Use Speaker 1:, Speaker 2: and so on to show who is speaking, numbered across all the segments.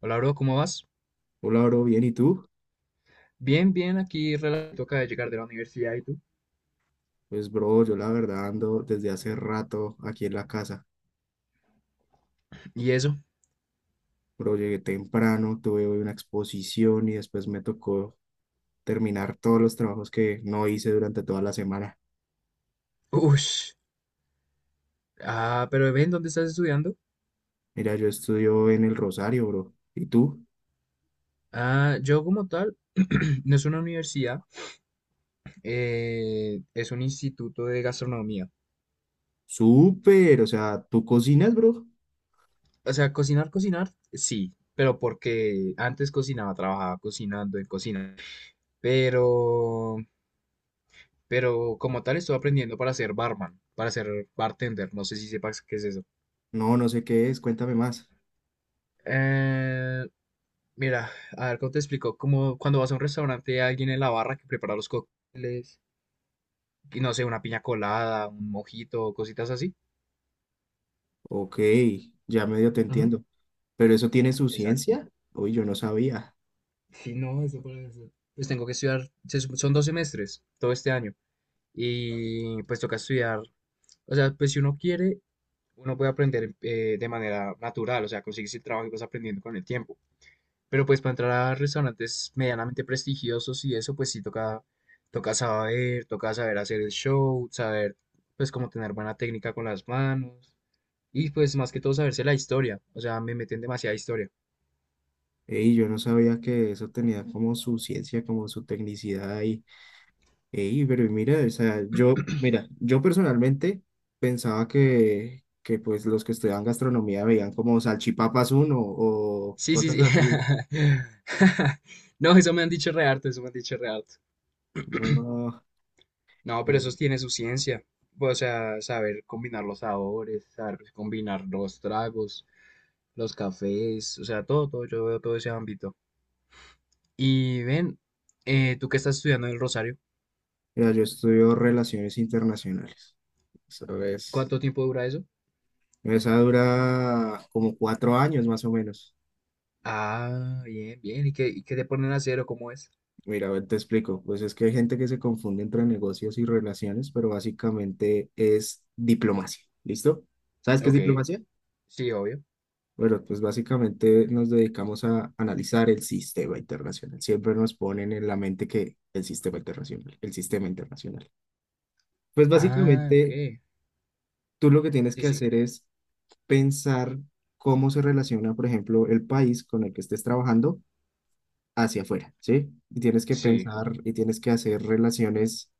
Speaker 1: Hola, bro, ¿cómo vas?
Speaker 2: Hola, bro, bien, ¿y tú?
Speaker 1: Bien, bien, aquí relato acaba de llegar de la universidad, ¿y tú?
Speaker 2: Pues, bro, yo la verdad ando desde hace rato aquí en la casa.
Speaker 1: ¿Y eso?
Speaker 2: Bro, llegué temprano, tuve hoy una exposición y después me tocó terminar todos los trabajos que no hice durante toda la semana.
Speaker 1: Ush. Ah, pero ven, ¿dónde estás estudiando?
Speaker 2: Mira, yo estudio en el Rosario, bro. ¿Y tú?
Speaker 1: Ah, yo como tal, no es una universidad, es un instituto de gastronomía.
Speaker 2: Súper, o sea, ¿tú cocinas, bro?
Speaker 1: O sea, cocinar, cocinar, sí, pero porque antes cocinaba, trabajaba cocinando en cocina. Pero, pero como tal estoy aprendiendo para ser barman, para ser bartender, no sé si sepas qué es eso.
Speaker 2: No, no sé qué es, cuéntame más.
Speaker 1: Eh, Mira, a ver, ¿cómo te explico? Como cuando vas a un restaurante, hay alguien en la barra que prepara los cócteles, y no sé, una piña colada, un mojito, cositas así.
Speaker 2: Ok, ya medio te
Speaker 1: Ujú.
Speaker 2: entiendo. ¿Pero eso tiene su
Speaker 1: Exacto.
Speaker 2: ciencia? Uy, yo no sabía.
Speaker 1: Sí, no, eso para eso. Pues tengo que estudiar, son dos semestres todo este año y pues toca estudiar, o sea, pues si uno quiere, uno puede aprender de manera natural, o sea, consigues el trabajo y vas aprendiendo con el tiempo. Pero pues para entrar a restaurantes medianamente prestigiosos y eso, pues sí toca, toca saber hacer el show, saber pues como tener buena técnica con las manos y pues más que todo saberse la historia. O sea, me meten demasiada historia.
Speaker 2: Ey, yo no sabía que eso tenía como su ciencia, como su tecnicidad ahí. Ey, pero mira, o sea, yo personalmente pensaba que pues los que estudiaban gastronomía veían como salchipapas uno o
Speaker 1: Sí, sí,
Speaker 2: cosas
Speaker 1: sí.
Speaker 2: así.
Speaker 1: No, eso me han dicho re harto, eso me han dicho re harto.
Speaker 2: No,
Speaker 1: No, pero
Speaker 2: pero,
Speaker 1: eso tiene su ciencia. O sea, saber combinar los sabores, saber combinar los tragos, los cafés, o sea, todo, todo, yo veo todo ese ámbito. Y ven, tú que estás estudiando en el Rosario,
Speaker 2: mira, yo estudio relaciones internacionales. Eso es,
Speaker 1: ¿cuánto tiempo dura eso?
Speaker 2: esa dura como 4 años más o menos.
Speaker 1: Ah, bien, bien. Y qué te ponen a hacer o cómo es?
Speaker 2: Mira, a ver, te explico. Pues es que hay gente que se confunde entre negocios y relaciones, pero básicamente es diplomacia. ¿Listo? ¿Sabes qué es
Speaker 1: Ok,
Speaker 2: diplomacia?
Speaker 1: sí, obvio.
Speaker 2: Bueno, pues básicamente nos dedicamos a analizar el sistema internacional. Siempre nos ponen en la mente que el sistema internacional, el sistema internacional. Pues
Speaker 1: Ah, ok.
Speaker 2: básicamente tú lo que tienes
Speaker 1: Sí,
Speaker 2: que
Speaker 1: sí.
Speaker 2: hacer es pensar cómo se relaciona, por ejemplo, el país con el que estés trabajando hacia afuera, ¿sí? Y tienes que
Speaker 1: Sí,
Speaker 2: pensar y tienes que hacer relaciones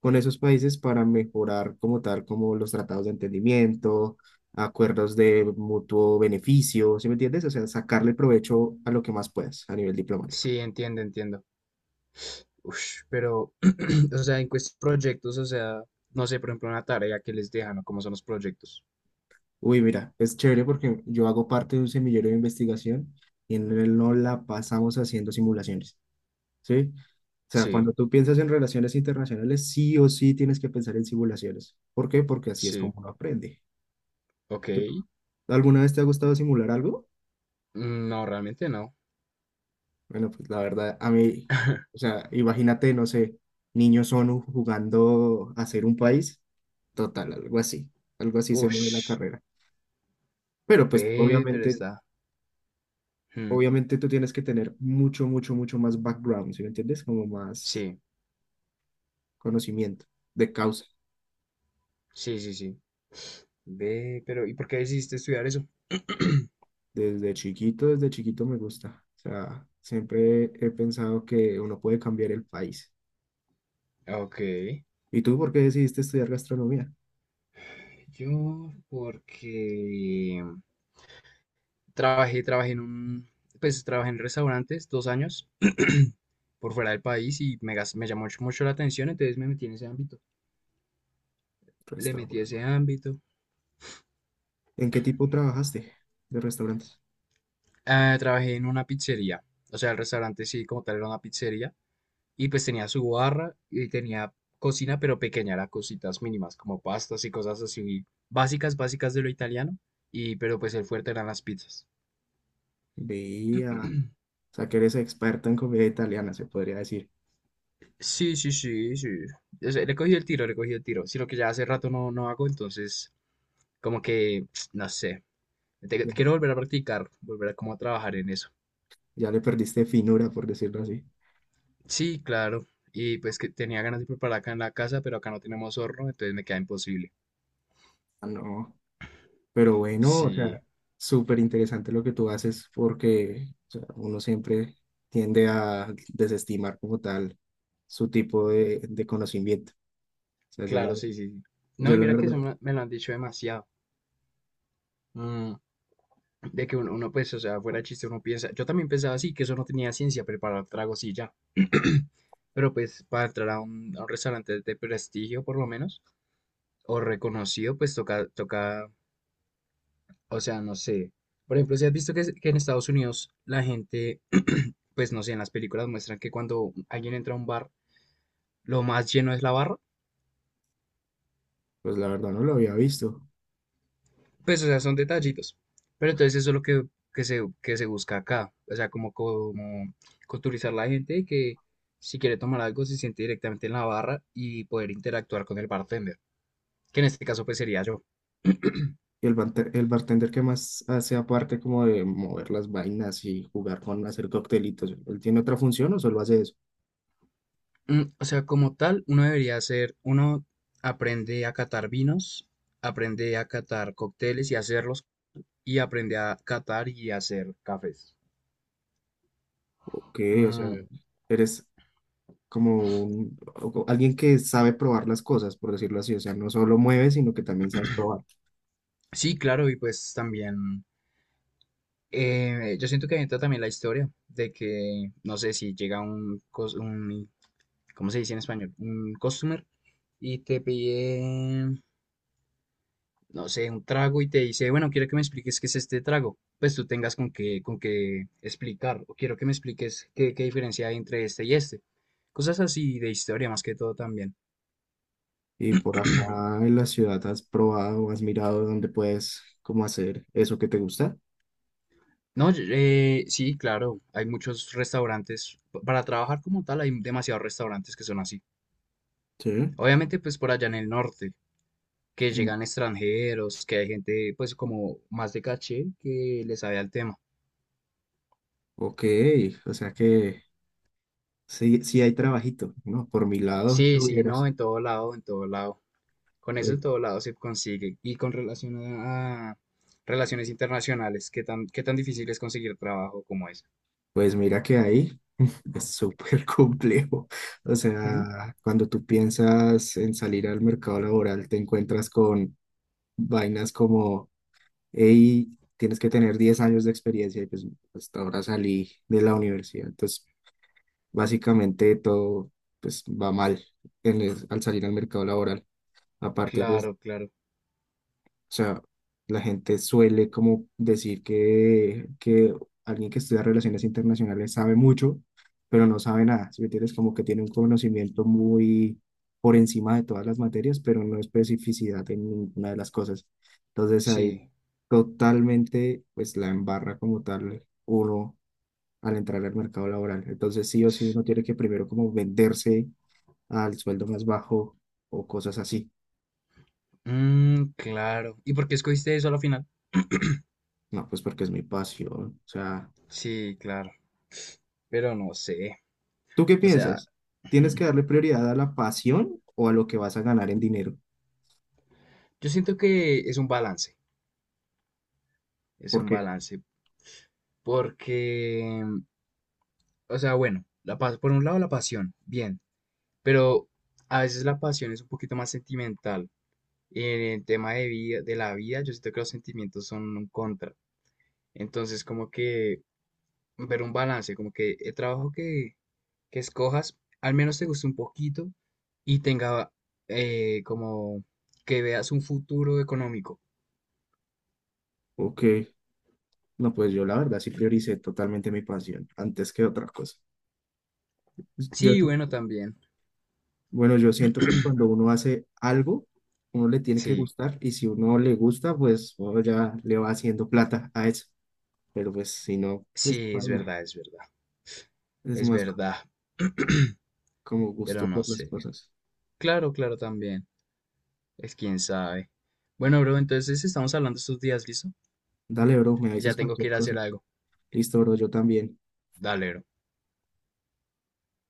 Speaker 2: con esos países para mejorar como tal, como los tratados de entendimiento, acuerdos de mutuo beneficio, ¿sí me entiendes? O sea, sacarle provecho a lo que más puedas a nivel diplomático.
Speaker 1: sí, entiendo, entiendo. Ush, pero, o sea, proyectos, o sea, no sé, por ejemplo, una tarea que les dejan o cómo son los proyectos.
Speaker 2: Uy, mira, es chévere porque yo hago parte de un semillero de investigación y en él no la pasamos haciendo simulaciones, ¿sí? O sea,
Speaker 1: Sí,
Speaker 2: cuando tú piensas en relaciones internacionales, sí o sí tienes que pensar en simulaciones. ¿Por qué? Porque así es
Speaker 1: sí,
Speaker 2: como uno aprende.
Speaker 1: ok.
Speaker 2: ¿Tú- ¿Alguna vez te ha gustado simular algo?
Speaker 1: Mm, no, realmente no.
Speaker 2: Bueno, pues la verdad, a mí, o sea, imagínate, no sé, niños ONU jugando a ser un país, total, algo así se me ve la
Speaker 1: Ush,
Speaker 2: carrera. Pero pues
Speaker 1: ve, pero
Speaker 2: obviamente,
Speaker 1: está. Hmm.
Speaker 2: obviamente tú tienes que tener mucho, mucho, mucho más background, ¿sí me entiendes? Como más
Speaker 1: Sí.
Speaker 2: conocimiento de causa.
Speaker 1: Sí, sí, sí. Ve, pero ¿y por qué decidiste estudiar eso?
Speaker 2: Desde chiquito me gusta. O sea, siempre he pensado que uno puede cambiar el país.
Speaker 1: Ok.
Speaker 2: ¿Y tú por qué decidiste estudiar gastronomía?
Speaker 1: Yo, porque trabajé en un, pues trabajé en restaurantes dos años por fuera del país y me llamó mucho, mucho la atención, entonces me metí en ese ámbito. Le metí
Speaker 2: Restaurante.
Speaker 1: ese ámbito.
Speaker 2: ¿En qué tipo trabajaste de restaurantes?
Speaker 1: Ah, trabajé en una pizzería, o sea, el restaurante sí, como tal, era una pizzería. Y pues tenía su barra y tenía cocina, pero pequeña, era cositas mínimas, como pastas y cosas así básicas, básicas de lo italiano. Y, pero pues el fuerte eran las pizzas.
Speaker 2: Veía, o sea que eres experta en comida italiana, se podría decir.
Speaker 1: Sí, sí, sí, sí. O sea, le cogí el tiro, le cogí el tiro. Sino que ya hace rato no hago, entonces como que, no sé,
Speaker 2: Ya,
Speaker 1: quiero volver a practicar, volver a como a trabajar en eso.
Speaker 2: ya le perdiste finura, por decirlo así.
Speaker 1: Sí, claro. Y pues que tenía ganas de preparar acá en la casa, pero acá no tenemos horno, entonces me queda imposible.
Speaker 2: Ah, no, pero bueno, o sea,
Speaker 1: Sí,
Speaker 2: súper interesante lo que tú haces porque o sea, uno siempre tiende a desestimar como tal su tipo de conocimiento. O sea,
Speaker 1: claro, sí, sí, sí. No,
Speaker 2: yo
Speaker 1: y
Speaker 2: la
Speaker 1: mira que
Speaker 2: verdad,
Speaker 1: eso me lo han dicho demasiado. Mm, de que uno, uno, pues, o sea, fuera chiste, uno piensa, yo también pensaba así, que eso no tenía ciencia, preparar tragos y ya. Pero pues para entrar a un restaurante de prestigio, por lo menos, o reconocido, pues toca, toca, o sea, no sé. Por ejemplo, si has visto que, que en Estados Unidos la gente, pues no sé, en las películas muestran que cuando alguien entra a un bar, lo más lleno es la barra.
Speaker 2: pues la verdad no lo había visto.
Speaker 1: Pues, o sea, son detallitos. Pero entonces eso es lo que, que se busca acá. O sea, como, como culturizar la gente y que si quiere tomar algo se siente directamente en la barra y poder interactuar con el bartender, que en este caso pues sería yo.
Speaker 2: Y el, el bartender que más hace aparte como de mover las vainas y jugar con hacer coctelitos, ¿él tiene otra función o solo hace eso?
Speaker 1: Mm, o sea, como tal, uno aprende a catar vinos, aprende a catar cócteles y hacerlos, y aprende a catar y hacer cafés.
Speaker 2: Que, o sea,
Speaker 1: Mm,
Speaker 2: eres como alguien que sabe probar las cosas, por decirlo así, o sea, no solo mueves, sino que también sabes probar.
Speaker 1: sí, claro, y pues también yo siento que entra también la historia de que, no sé, si llega un, cos- un, ¿cómo se dice en español? Un customer y te pide, no sé, un trago y te dice, bueno, quiero que me expliques qué es este trago. Pues tú tengas con qué explicar, o quiero que me expliques qué, qué diferencia hay entre este y este. Cosas así de historia más que todo también.
Speaker 2: Y por acá en la ciudad has probado, has mirado dónde puedes como hacer eso que te gusta.
Speaker 1: No, yo- sí, claro, hay muchos restaurantes. Para trabajar como tal hay demasiados restaurantes que son así.
Speaker 2: Sí.
Speaker 1: Obviamente, pues por allá en el norte, que
Speaker 2: Mm.
Speaker 1: llegan extranjeros, que hay gente pues como más de caché que le sabe al tema.
Speaker 2: Ok, o sea que sí, sí hay trabajito, ¿no? Por mi lado
Speaker 1: Sí, sí, no,
Speaker 2: tuvieras.
Speaker 1: en todo lado, en todo lado. Con eso
Speaker 2: Uy,
Speaker 1: en todo lado se consigue. Y con relación a relaciones internacionales, qué tan difícil es conseguir trabajo como ese?
Speaker 2: pues mira que ahí es súper complejo. O
Speaker 1: Ujú.
Speaker 2: sea, cuando tú piensas en salir al mercado laboral, te encuentras con vainas como y tienes que tener 10 años de experiencia y pues hasta ahora salí de la universidad. Entonces, básicamente todo pues va mal al salir al mercado laboral. Aparte, pues
Speaker 1: Claro, claro,
Speaker 2: o sea, la gente suele como decir que alguien que estudia relaciones internacionales sabe mucho, pero no sabe nada. Si me entiendes, como que tiene un conocimiento muy por encima de todas las materias, pero no especificidad en ninguna de las cosas. Entonces ahí
Speaker 1: sí.
Speaker 2: totalmente pues la embarra como tal uno al entrar al mercado laboral. Entonces sí o sí uno tiene que primero como venderse al sueldo más bajo o cosas así.
Speaker 1: Mm, claro. ¿Y por qué escogiste eso a la final?
Speaker 2: No, pues porque es mi pasión. O sea...
Speaker 1: Sí, claro. Pero no sé.
Speaker 2: ¿Tú qué
Speaker 1: O sea,
Speaker 2: piensas? ¿Tienes que darle prioridad a la pasión o a lo que vas a ganar en dinero?
Speaker 1: yo siento que es
Speaker 2: ¿Por
Speaker 1: un
Speaker 2: qué?
Speaker 1: balance, porque o sea, bueno, por un lado la pasión, bien, pero a veces la pasión es un poquito más sentimental. En el tema de vida, de la vida, yo siento que los sentimientos son un contra. Entonces, como que ver un balance, como que que escojas, al menos te guste un poquito y tenga como que veas un futuro económico.
Speaker 2: Ok, no, pues yo la verdad sí prioricé totalmente mi pasión antes que otra cosa. Yo,
Speaker 1: Sí, bueno, también.
Speaker 2: bueno, yo siento que cuando uno hace algo, uno le tiene que
Speaker 1: Sí,
Speaker 2: gustar y si uno le gusta, pues uno ya le va haciendo plata a eso. Pero pues si no, pues
Speaker 1: sí, es
Speaker 2: baila.
Speaker 1: verdad, es verdad.
Speaker 2: Es
Speaker 1: Es
Speaker 2: más co-
Speaker 1: verdad.
Speaker 2: Como
Speaker 1: Pero
Speaker 2: gusto
Speaker 1: no
Speaker 2: por las
Speaker 1: sé.
Speaker 2: cosas.
Speaker 1: Claro, claro, también. Es quién sabe. Bueno, bro, entonces estamos hablando estos días, ¿listo?
Speaker 2: Dale, bro, me avisas
Speaker 1: Ya tengo que
Speaker 2: cualquier
Speaker 1: ir a
Speaker 2: cosa.
Speaker 1: hacer algo.
Speaker 2: Listo, bro, yo también.
Speaker 1: Dale, bro.